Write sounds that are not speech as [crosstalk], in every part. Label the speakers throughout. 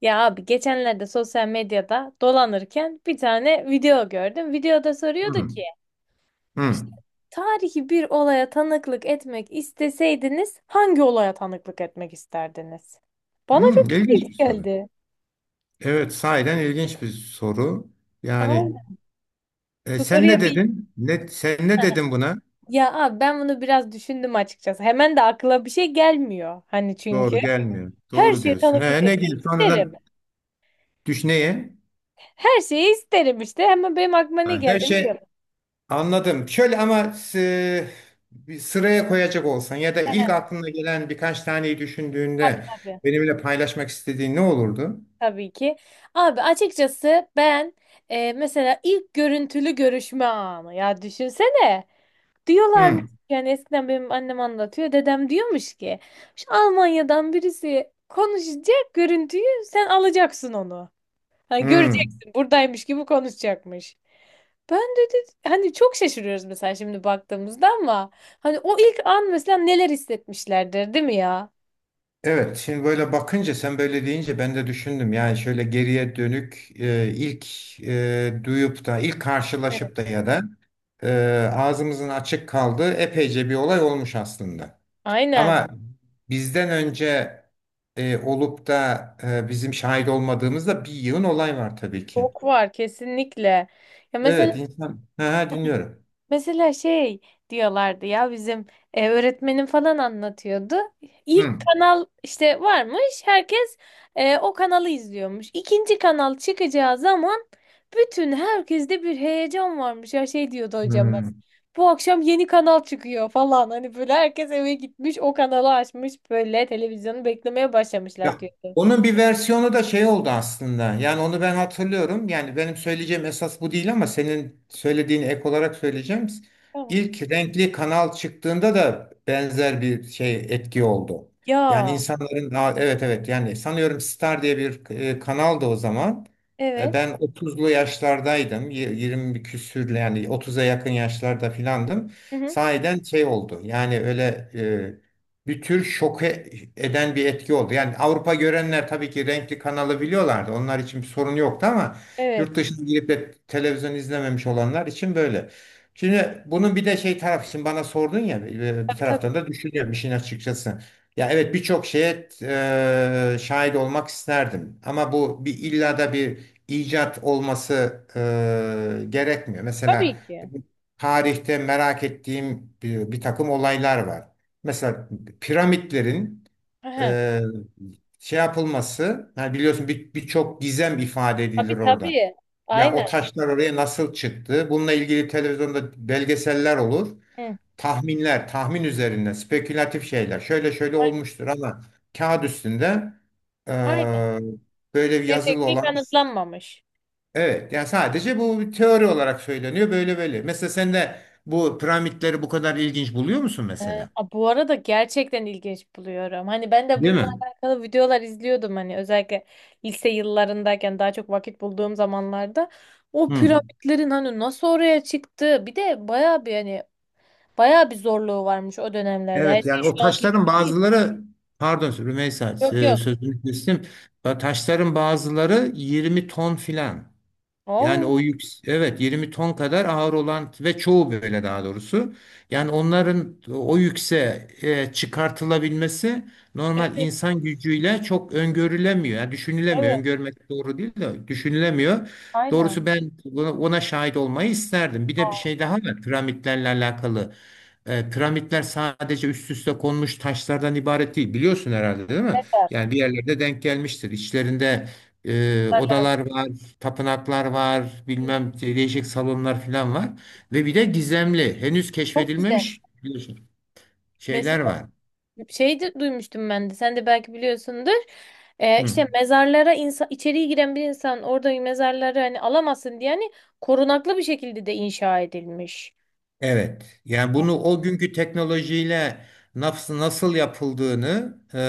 Speaker 1: Ya abi geçenlerde sosyal medyada dolanırken bir tane video gördüm. Videoda soruyordu
Speaker 2: Hmm,
Speaker 1: ki
Speaker 2: hmm,
Speaker 1: işte tarihi bir olaya tanıklık etmek isteseydiniz hangi olaya tanıklık etmek isterdiniz? Bana
Speaker 2: hmm.
Speaker 1: çok
Speaker 2: ilginç
Speaker 1: ilginç
Speaker 2: bir soru.
Speaker 1: geldi.
Speaker 2: Evet, sahiden ilginç bir soru. Yani
Speaker 1: Aynen. Bu
Speaker 2: sen ne
Speaker 1: soruya bir.
Speaker 2: dedin? Sen ne
Speaker 1: Heh. [laughs]
Speaker 2: dedin buna?
Speaker 1: Ya abi ben bunu biraz düşündüm açıkçası. Hemen de akla bir şey gelmiyor. Hani çünkü
Speaker 2: Doğru gelmiyor.
Speaker 1: her
Speaker 2: Doğru
Speaker 1: şeye
Speaker 2: diyorsun.
Speaker 1: tanıklık
Speaker 2: He, ne
Speaker 1: etmek
Speaker 2: gibi?
Speaker 1: isterim.
Speaker 2: Sonradan düş neye?
Speaker 1: Her şeyi isterim işte. Hemen benim aklıma ne
Speaker 2: Ay. Her
Speaker 1: geldi biliyor
Speaker 2: şey
Speaker 1: musun?
Speaker 2: anladım. Şöyle ama bir sıraya koyacak olsan ya da ilk
Speaker 1: Tabi,
Speaker 2: aklına gelen birkaç taneyi
Speaker 1: tabii,
Speaker 2: düşündüğünde
Speaker 1: tabii.
Speaker 2: benimle paylaşmak istediğin ne olurdu?
Speaker 1: Tabii ki. Abi açıkçası ben mesela ilk görüntülü görüşme anı ya düşünsene. Diyorlarmış,
Speaker 2: Hmm,
Speaker 1: yani eskiden benim annem anlatıyor. Dedem diyormuş ki şu Almanya'dan birisi konuşacak, görüntüyü sen alacaksın onu. Hani
Speaker 2: hmm.
Speaker 1: göreceksin buradaymış gibi konuşacakmış. Ben, dedi, hani çok şaşırıyoruz mesela şimdi baktığımızda ama hani o ilk an mesela neler hissetmişlerdir değil mi ya?
Speaker 2: Evet, şimdi böyle bakınca sen böyle deyince ben de düşündüm. Yani şöyle geriye dönük ilk duyup da ilk
Speaker 1: Evet.
Speaker 2: karşılaşıp da ya da ağzımızın açık kaldığı epeyce bir olay olmuş aslında.
Speaker 1: Aynen.
Speaker 2: Ama bizden önce olup da bizim şahit olmadığımızda bir yığın olay var tabii ki.
Speaker 1: Çok var kesinlikle. Ya mesela
Speaker 2: Evet, insan. Ha, ha, dinliyorum.
Speaker 1: Mesela şey diyorlardı ya bizim öğretmenim falan anlatıyordu. İlk
Speaker 2: Hı.
Speaker 1: kanal işte varmış, herkes o kanalı izliyormuş. İkinci kanal çıkacağı zaman bütün herkeste bir heyecan varmış. Ya şey diyordu hocam, hocamız.
Speaker 2: Hı.
Speaker 1: Bu akşam yeni kanal çıkıyor falan. Hani böyle herkes eve gitmiş, o kanalı açmış, böyle televizyonu beklemeye başlamışlar
Speaker 2: Ya
Speaker 1: diyordu.
Speaker 2: onun bir versiyonu da şey oldu aslında. Yani onu ben hatırlıyorum. Yani benim söyleyeceğim esas bu değil ama senin söylediğini ek olarak söyleyeceğim.
Speaker 1: Tamam.
Speaker 2: İlk renkli kanal çıktığında da benzer bir şey etki oldu. Yani
Speaker 1: Ya,
Speaker 2: insanların daha evet evet yani sanıyorum Star diye bir kanaldı o zaman.
Speaker 1: evet.
Speaker 2: Ben 30'lu yaşlardaydım. 20 küsür yani 30'a yakın yaşlarda filandım.
Speaker 1: Hı hı.
Speaker 2: Sahiden şey oldu. Yani öyle bir tür şoke eden bir etki oldu. Yani Avrupa görenler tabii ki renkli kanalı biliyorlardı. Onlar için bir sorun yoktu ama
Speaker 1: Evet.
Speaker 2: yurt dışına girip de televizyon izlememiş olanlar için böyle. Şimdi bunun bir de şey tarafı şimdi bana sordun ya bir
Speaker 1: Tabii, tabii.
Speaker 2: taraftan da düşünüyorum işin açıkçası. Ya evet birçok şeye şahit olmak isterdim ama bu bir illa da bir icat olması gerekmiyor. Mesela
Speaker 1: Tabii ki.
Speaker 2: tarihte merak ettiğim bir takım olaylar var. Mesela piramitlerin
Speaker 1: Hı hı.
Speaker 2: e, şey yapılması, yani biliyorsun birçok gizem ifade edilir
Speaker 1: Tabii,
Speaker 2: orada.
Speaker 1: tabii.
Speaker 2: Ya o
Speaker 1: Aynen.
Speaker 2: taşlar oraya nasıl çıktı? Bununla ilgili televizyonda belgeseller olur.
Speaker 1: Hı.
Speaker 2: Tahminler, tahmin üzerine spekülatif şeyler. Şöyle şöyle olmuştur ama kağıt üstünde e,
Speaker 1: Aynen.
Speaker 2: böyle bir yazılı
Speaker 1: Gerçekliği
Speaker 2: olan.
Speaker 1: kanıtlanmamış.
Speaker 2: Evet, yani sadece bu bir teori olarak söyleniyor böyle böyle. Mesela sen de bu piramitleri bu kadar ilginç buluyor musun
Speaker 1: Ee,
Speaker 2: mesela?
Speaker 1: Bu arada gerçekten ilginç buluyorum. Hani ben de
Speaker 2: Değil
Speaker 1: bununla
Speaker 2: mi?
Speaker 1: alakalı videolar izliyordum, hani özellikle lise yıllarındayken daha çok vakit bulduğum zamanlarda. O
Speaker 2: Hı.
Speaker 1: piramitlerin hani nasıl oraya çıktı? Bir de bayağı bir hani bayağı bir zorluğu varmış o dönemlerde. Her
Speaker 2: Evet
Speaker 1: şey
Speaker 2: yani o
Speaker 1: şu anki
Speaker 2: taşların
Speaker 1: gibi değil.
Speaker 2: bazıları pardon Rümeysa,
Speaker 1: Yok, yok.
Speaker 2: sözünü kestim. Taşların bazıları 20 ton filan. Yani
Speaker 1: Oo,
Speaker 2: o yük, evet 20 ton kadar ağır olan ve çoğu böyle daha doğrusu. Yani onların o yükse çıkartılabilmesi normal
Speaker 1: evet,
Speaker 2: insan gücüyle çok öngörülemiyor. Yani düşünülemiyor.
Speaker 1: evet,
Speaker 2: Öngörmek doğru değil de düşünülemiyor.
Speaker 1: aynen.
Speaker 2: Doğrusu ben buna, ona şahit olmayı isterdim. Bir de bir
Speaker 1: Aa,
Speaker 2: şey daha var piramitlerle alakalı. E, piramitler sadece üst üste konmuş taşlardan ibaret değil. Biliyorsun herhalde değil mi?
Speaker 1: mezar.
Speaker 2: Yani bir yerlerde denk gelmiştir. İçlerinde
Speaker 1: Mezarlar.
Speaker 2: odalar var, tapınaklar var, bilmem değişik salonlar falan var. Ve bir de gizemli, henüz
Speaker 1: Çok güzel.
Speaker 2: keşfedilmemiş biliyorsun, şeyler var.
Speaker 1: Şey de duymuştum ben de. Sen de belki biliyorsundur.
Speaker 2: Hı.
Speaker 1: İşte mezarlara içeriye giren bir insan orada mezarları hani alamasın diye hani korunaklı bir şekilde de inşa edilmiş.
Speaker 2: Evet. Yani bunu o günkü teknolojiyle nasıl yapıldığını,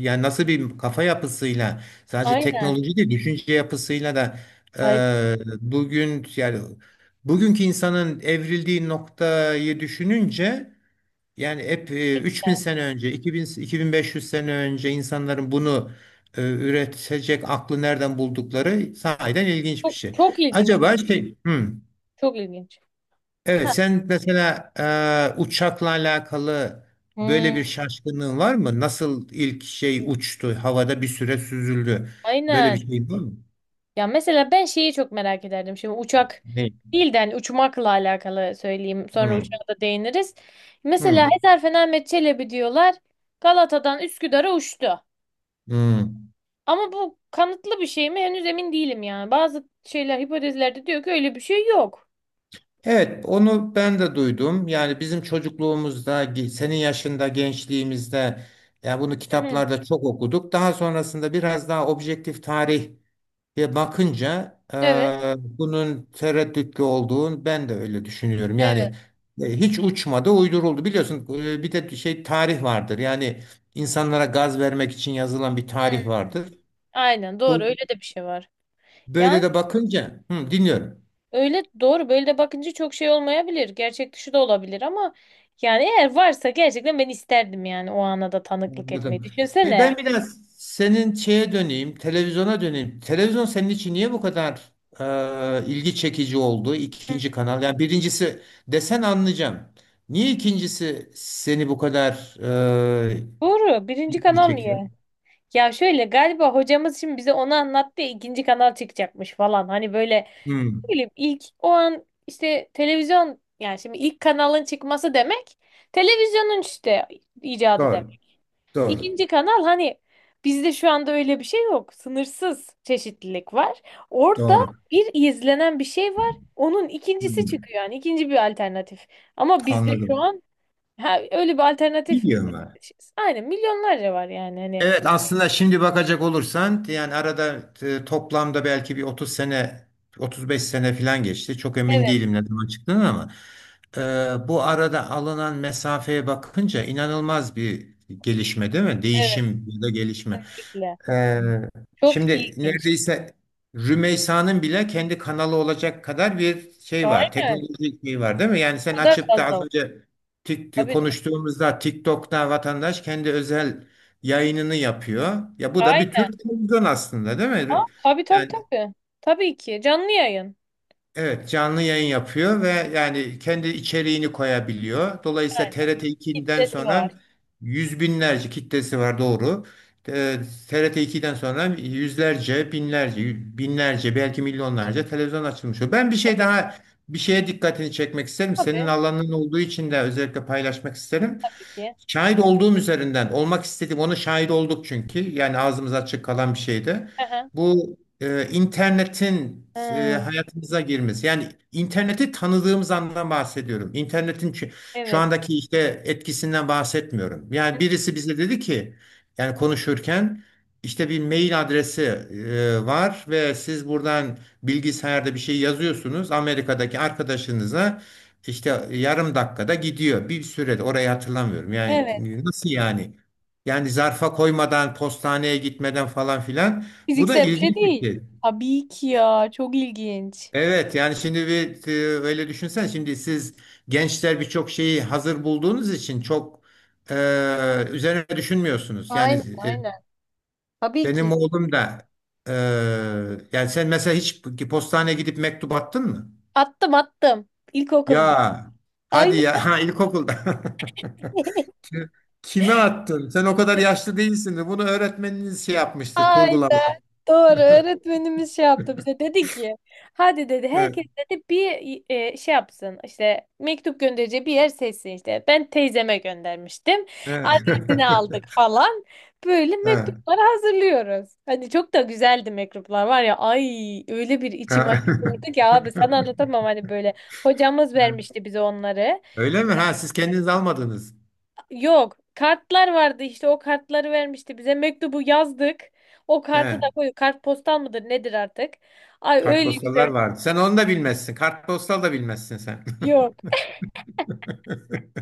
Speaker 2: yani nasıl bir kafa yapısıyla, sadece
Speaker 1: Aynen.
Speaker 2: teknoloji değil, düşünce yapısıyla da
Speaker 1: Aynen.
Speaker 2: bugün yani bugünkü insanın evrildiği noktayı düşününce. Yani hep 3000 sene önce, 2000, 2500 sene önce insanların bunu üretecek aklı nereden buldukları sahiden ilginç bir
Speaker 1: Çok,
Speaker 2: şey.
Speaker 1: çok ilginç.
Speaker 2: Acaba şey,
Speaker 1: Çok ilginç.
Speaker 2: evet
Speaker 1: Ha.
Speaker 2: sen mesela uçakla alakalı
Speaker 1: Hmm.
Speaker 2: böyle bir şaşkınlığın var mı? Nasıl ilk şey uçtu, havada bir süre süzüldü? Böyle
Speaker 1: Aynen.
Speaker 2: bir şey var mı?
Speaker 1: Ya mesela ben şeyi çok merak ederdim. Şimdi uçak
Speaker 2: Ne?
Speaker 1: değil de hani uçmakla alakalı söyleyeyim. Sonra
Speaker 2: Hmm,
Speaker 1: uçağa da değiniriz. Mesela
Speaker 2: hmm,
Speaker 1: Hezarfen Ahmet Çelebi diyorlar. Galata'dan Üsküdar'a uçtu.
Speaker 2: hmm.
Speaker 1: Ama bu kanıtlı bir şey mi? Henüz emin değilim yani. Bazı şeyler hipotezlerde diyor ki öyle bir şey yok.
Speaker 2: Evet, onu ben de duydum. Yani bizim çocukluğumuzda, senin yaşında, gençliğimizde, yani bunu
Speaker 1: Hı hı.
Speaker 2: kitaplarda çok okuduk. Daha sonrasında biraz daha objektif tarihe bakınca
Speaker 1: Evet,
Speaker 2: bunun tereddütlü olduğunu ben de öyle düşünüyorum.
Speaker 1: evet.
Speaker 2: Yani hiç uçmadı, uyduruldu. Biliyorsun bir de şey tarih vardır. Yani insanlara gaz vermek için yazılan bir
Speaker 1: Hı.
Speaker 2: tarih vardır.
Speaker 1: Aynen, doğru, öyle
Speaker 2: Bu
Speaker 1: de bir şey var. Yani
Speaker 2: böyle de bakınca, hı, dinliyorum.
Speaker 1: öyle doğru, böyle de bakınca çok şey olmayabilir. Gerçek dışı da olabilir ama yani eğer varsa gerçekten ben isterdim yani o ana da tanıklık etmeyi.
Speaker 2: Anladım. Peki
Speaker 1: Düşünsene.
Speaker 2: ben biraz senin şeye döneyim, televizyona döneyim. Televizyon senin için niye bu kadar ilgi çekici oldu?
Speaker 1: Hı.
Speaker 2: İkinci kanal. Yani birincisi desen anlayacağım. Niye ikincisi seni bu kadar e,
Speaker 1: Doğru. Birinci
Speaker 2: ilgi
Speaker 1: kanal niye?
Speaker 2: çekiyor?
Speaker 1: Ya şöyle galiba hocamız şimdi bize onu anlattı ya ikinci kanal çıkacakmış falan. Hani böyle
Speaker 2: Hmm,
Speaker 1: bileyim ilk o an işte televizyon, yani şimdi ilk kanalın çıkması demek televizyonun işte icadı
Speaker 2: doğru,
Speaker 1: demek.
Speaker 2: doğru,
Speaker 1: İkinci kanal hani bizde şu anda öyle bir şey yok. Sınırsız çeşitlilik var. Orada
Speaker 2: doğru.
Speaker 1: bir izlenen bir şey var. Onun ikincisi
Speaker 2: Hmm,
Speaker 1: çıkıyor, yani ikinci bir alternatif. Ama bizde şu
Speaker 2: anladım.
Speaker 1: an, ha, öyle bir alternatif
Speaker 2: Biliyorum.
Speaker 1: aynen milyonlarca var yani hani.
Speaker 2: Evet aslında şimdi bakacak olursan yani arada toplamda belki bir 30 sene 35 sene falan geçti. Çok emin
Speaker 1: Evet,
Speaker 2: değilim ne zaman çıktığını ama bu arada alınan mesafeye bakınca inanılmaz bir gelişme değil mi?
Speaker 1: evet,
Speaker 2: Değişim ya da gelişme.
Speaker 1: kesinlikle.
Speaker 2: Ee,
Speaker 1: Çok
Speaker 2: Şimdi
Speaker 1: ilginç.
Speaker 2: neredeyse Rümeysa'nın bile kendi kanalı olacak kadar bir şey var.
Speaker 1: Aynen.
Speaker 2: Teknolojik şey var değil mi? Yani
Speaker 1: Bu
Speaker 2: sen
Speaker 1: kadar
Speaker 2: açıp da
Speaker 1: fazla
Speaker 2: az
Speaker 1: var.
Speaker 2: önce
Speaker 1: Tabii,
Speaker 2: konuştuğumuzda TikTok'ta vatandaş kendi özel yayınını yapıyor. Ya bu da
Speaker 1: tabii.
Speaker 2: bir tür televizyon aslında değil
Speaker 1: Aa,
Speaker 2: mi?
Speaker 1: tabii, tabii,
Speaker 2: Yani
Speaker 1: tabii. Tabii ki. Canlı yayın.
Speaker 2: evet, canlı yayın yapıyor ve yani kendi içeriğini koyabiliyor. Dolayısıyla
Speaker 1: Aynen.
Speaker 2: TRT 2'den
Speaker 1: Kitlesi var.
Speaker 2: sonra yüz binlerce kitlesi var, doğru. Ee, TRT 2'den sonra yüzlerce, binlerce, binlerce belki milyonlarca televizyon açılmış oluyor. Ben
Speaker 1: Tabii.
Speaker 2: bir şeye dikkatini çekmek isterim. Senin
Speaker 1: Tabii.
Speaker 2: alanın olduğu için de özellikle paylaşmak isterim.
Speaker 1: Tabii ki.
Speaker 2: Şahit olduğum üzerinden olmak istedim. Onu şahit olduk çünkü. Yani ağzımız açık kalan bir şeydi.
Speaker 1: Aha.
Speaker 2: Bu internetin
Speaker 1: Hı,
Speaker 2: hayatımıza girmesi. Yani interneti tanıdığımız andan bahsediyorum. İnternetin şu
Speaker 1: evet.
Speaker 2: andaki işte etkisinden bahsetmiyorum. Yani birisi bize dedi ki yani konuşurken işte bir mail adresi var ve siz buradan bilgisayarda bir şey yazıyorsunuz. Amerika'daki arkadaşınıza işte yarım dakikada gidiyor. Bir sürede orayı hatırlamıyorum. Yani
Speaker 1: Evet.
Speaker 2: nasıl yani? Yani zarfa koymadan, postaneye gitmeden falan filan. Bu da
Speaker 1: Fiziksel bir şey
Speaker 2: ilginç bir
Speaker 1: değil.
Speaker 2: şey.
Speaker 1: Tabii ki ya. Çok ilginç.
Speaker 2: Evet yani şimdi bir öyle düşünsen şimdi siz gençler birçok şeyi hazır bulduğunuz için çok üzerine düşünmüyorsunuz. Yani
Speaker 1: Aynen,
Speaker 2: e,
Speaker 1: aynen. Tabii
Speaker 2: benim
Speaker 1: ki.
Speaker 2: oğlum da, e, yani sen mesela hiç postaneye gidip mektup attın mı?
Speaker 1: Attım, attım.
Speaker 2: Ya
Speaker 1: İlkokulda.
Speaker 2: hadi ya
Speaker 1: Aynen.
Speaker 2: [laughs] ha, ilkokulda.
Speaker 1: [laughs]
Speaker 2: [laughs] Kime attın? Sen o kadar yaşlı değilsin de bunu öğretmeniniz şey yapmıştır,
Speaker 1: Aynen.
Speaker 2: kurgulamış.
Speaker 1: Doğru. Öğretmenimiz şey yaptı bize. Dedi ki hadi, dedi,
Speaker 2: Evet,
Speaker 1: herkes, dedi, bir şey yapsın. İşte mektup göndereceği bir yer seçsin işte. Ben teyzeme göndermiştim.
Speaker 2: evet.
Speaker 1: Adresini
Speaker 2: [laughs]
Speaker 1: aldık falan. Böyle
Speaker 2: Evet.
Speaker 1: mektupları hazırlıyoruz. Hani çok da güzeldi mektuplar var ya. Ay, öyle bir içim
Speaker 2: Evet.
Speaker 1: açıldı ki abi sana anlatamam hani böyle. Hocamız
Speaker 2: [laughs]
Speaker 1: vermişti bize onları.
Speaker 2: Öyle mi? Ha siz kendiniz almadınız.
Speaker 1: Yok. Kartlar vardı, işte o kartları vermişti bize. Mektubu yazdık. O kartı
Speaker 2: He.
Speaker 1: da koyduk. Kartpostal mıdır nedir artık? Ay öyle
Speaker 2: Kartpostallar
Speaker 1: güzel.
Speaker 2: vardı. Sen onu da bilmezsin. Kartpostal da bilmezsin sen.
Speaker 1: Yok.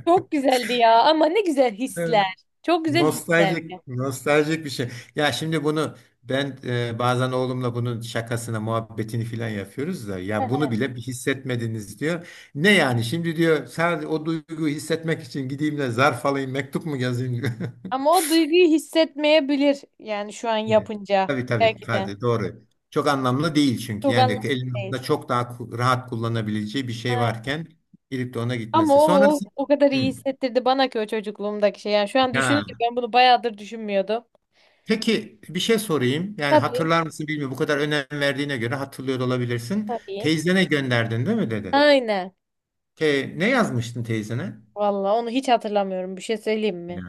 Speaker 1: Çok güzeldi ya ama ne güzel
Speaker 2: [laughs] Evet.
Speaker 1: hisler. Çok güzel hisler.
Speaker 2: Nostaljik, nostaljik bir şey. Ya şimdi bunu ben bazen oğlumla bunun şakasına, muhabbetini filan yapıyoruz da ya bunu bile bir hissetmediniz diyor. Ne yani şimdi diyor sadece o duyguyu hissetmek için gideyim de zarf alayım, mektup mu yazayım diyor. [laughs]
Speaker 1: Ama o duyguyu hissetmeyebilir yani şu an
Speaker 2: Evet.
Speaker 1: yapınca
Speaker 2: Tabii tabii
Speaker 1: belki de.
Speaker 2: Kadir, doğru. Çok anlamlı değil çünkü
Speaker 1: Çok
Speaker 2: yani
Speaker 1: anlamlı değil.
Speaker 2: elinizde çok daha rahat kullanabileceği bir şey
Speaker 1: Aynen.
Speaker 2: varken gidip de ona
Speaker 1: Ama
Speaker 2: gitmesi.
Speaker 1: o, o
Speaker 2: Sonrası.
Speaker 1: o kadar
Speaker 2: Hı.
Speaker 1: iyi hissettirdi bana ki o çocukluğumdaki şey. Yani şu an
Speaker 2: Ya.
Speaker 1: düşününce ben bunu bayağıdır düşünmüyordum.
Speaker 2: Peki bir şey sorayım. Yani
Speaker 1: Tabii.
Speaker 2: hatırlar mısın bilmiyorum. Bu kadar önem verdiğine göre hatırlıyor da olabilirsin.
Speaker 1: Tabii.
Speaker 2: Teyzene gönderdin değil mi dedin?
Speaker 1: Aynen.
Speaker 2: Ne yazmıştın teyzene?
Speaker 1: Vallahi onu hiç hatırlamıyorum. Bir şey söyleyeyim
Speaker 2: Ne?
Speaker 1: mi?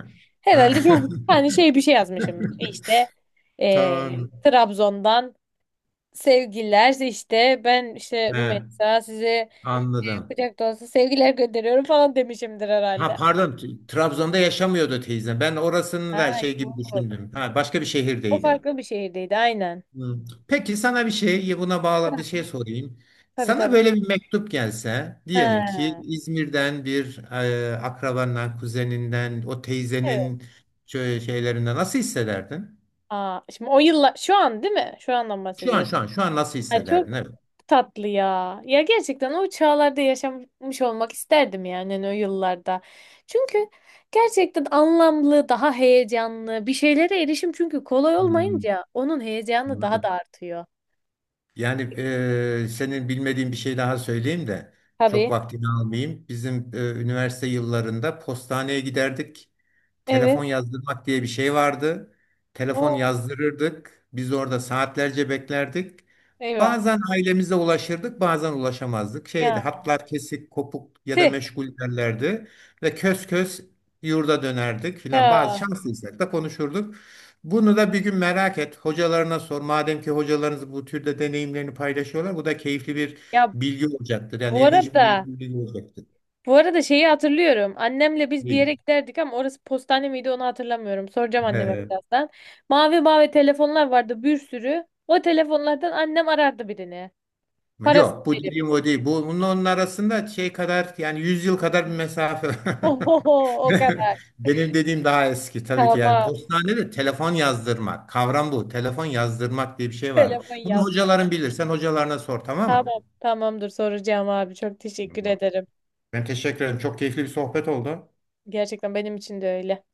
Speaker 2: Ha.
Speaker 1: Herhalde çok hani şey bir şey yazmışımdır.
Speaker 2: [laughs]
Speaker 1: İşte
Speaker 2: Tamam.
Speaker 1: Trabzon'dan sevgiler işte ben işte
Speaker 2: He,
Speaker 1: Rümeysa size
Speaker 2: anladım.
Speaker 1: kucak dolusu sevgiler gönderiyorum falan demişimdir
Speaker 2: Ha
Speaker 1: herhalde.
Speaker 2: pardon, Trabzon'da yaşamıyordu teyze. Ben orasını da
Speaker 1: Ha,
Speaker 2: şey gibi
Speaker 1: yok.
Speaker 2: düşündüm. Ha, başka bir
Speaker 1: O
Speaker 2: şehirdeydi.
Speaker 1: farklı bir şehirdeydi aynen.
Speaker 2: Hmm. Peki sana bir şey, buna bağlı bir şey sorayım.
Speaker 1: Tabii,
Speaker 2: Sana
Speaker 1: tabii.
Speaker 2: böyle bir mektup gelse diyelim ki
Speaker 1: Ha,
Speaker 2: İzmir'den bir akrabandan, kuzeninden, o
Speaker 1: evet.
Speaker 2: teyzenin şöyle şeylerinden nasıl hissederdin?
Speaker 1: Aa, şimdi o yıllar şu an değil mi? Şu andan
Speaker 2: Şu an
Speaker 1: bahsediyorum.
Speaker 2: şu an şu an nasıl
Speaker 1: Ay, çok
Speaker 2: hissederdin? Evet.
Speaker 1: tatlı ya. Ya gerçekten o çağlarda yaşamış olmak isterdim yani hani o yıllarda. Çünkü gerçekten anlamlı, daha heyecanlı bir şeylere erişim çünkü kolay
Speaker 2: Hmm,
Speaker 1: olmayınca onun heyecanı daha da
Speaker 2: anladım.
Speaker 1: artıyor.
Speaker 2: Yani senin bilmediğin bir şey daha söyleyeyim de çok
Speaker 1: Tabii.
Speaker 2: vaktini almayayım. Bizim üniversite yıllarında postaneye giderdik.
Speaker 1: Evet.
Speaker 2: Telefon yazdırmak diye bir şey vardı. Telefon
Speaker 1: Oo,
Speaker 2: yazdırırdık. Biz orada saatlerce beklerdik.
Speaker 1: eyvah.
Speaker 2: Bazen ailemize ulaşırdık, bazen ulaşamazdık. Şeydi,
Speaker 1: Ya.
Speaker 2: hatlar kesik, kopuk ya da
Speaker 1: Tüh.
Speaker 2: meşgul derlerdi. Ve kös kös yurda dönerdik filan. Bazı
Speaker 1: Ya.
Speaker 2: şanslıysak da konuşurduk. Bunu da bir gün merak et. Hocalarına sor. Madem ki hocalarınız bu türde deneyimlerini paylaşıyorlar, bu da keyifli bir
Speaker 1: Ya
Speaker 2: bilgi olacaktır. Yani
Speaker 1: bu
Speaker 2: ilginç bir
Speaker 1: arada
Speaker 2: bilgi olacaktır.
Speaker 1: Bu arada şeyi hatırlıyorum. Annemle biz bir
Speaker 2: Değil.
Speaker 1: yere giderdik ama orası postane miydi onu hatırlamıyorum. Soracağım anneme
Speaker 2: [laughs]
Speaker 1: birazdan. Mavi mavi telefonlar vardı bir sürü. O telefonlardan annem arardı birini. Parasını
Speaker 2: Yok bu
Speaker 1: verip.
Speaker 2: dediğim o değil. Bu, bunun onun arasında şey kadar yani 100 yıl kadar bir mesafe.
Speaker 1: [laughs] Oho, o
Speaker 2: [laughs]
Speaker 1: kadar.
Speaker 2: Benim dediğim daha eski tabii ki yani
Speaker 1: Tamam.
Speaker 2: postanede telefon yazdırmak. Kavram bu. Telefon yazdırmak diye bir şey vardı.
Speaker 1: Telefon
Speaker 2: Bunu
Speaker 1: yazdım.
Speaker 2: hocaların bilir. Sen hocalarına sor, tamam mı?
Speaker 1: Tamam. Tamamdır, soracağım abi. Çok teşekkür
Speaker 2: Tamam.
Speaker 1: ederim.
Speaker 2: Ben teşekkür ederim. Çok keyifli bir sohbet oldu.
Speaker 1: Gerçekten benim için de öyle.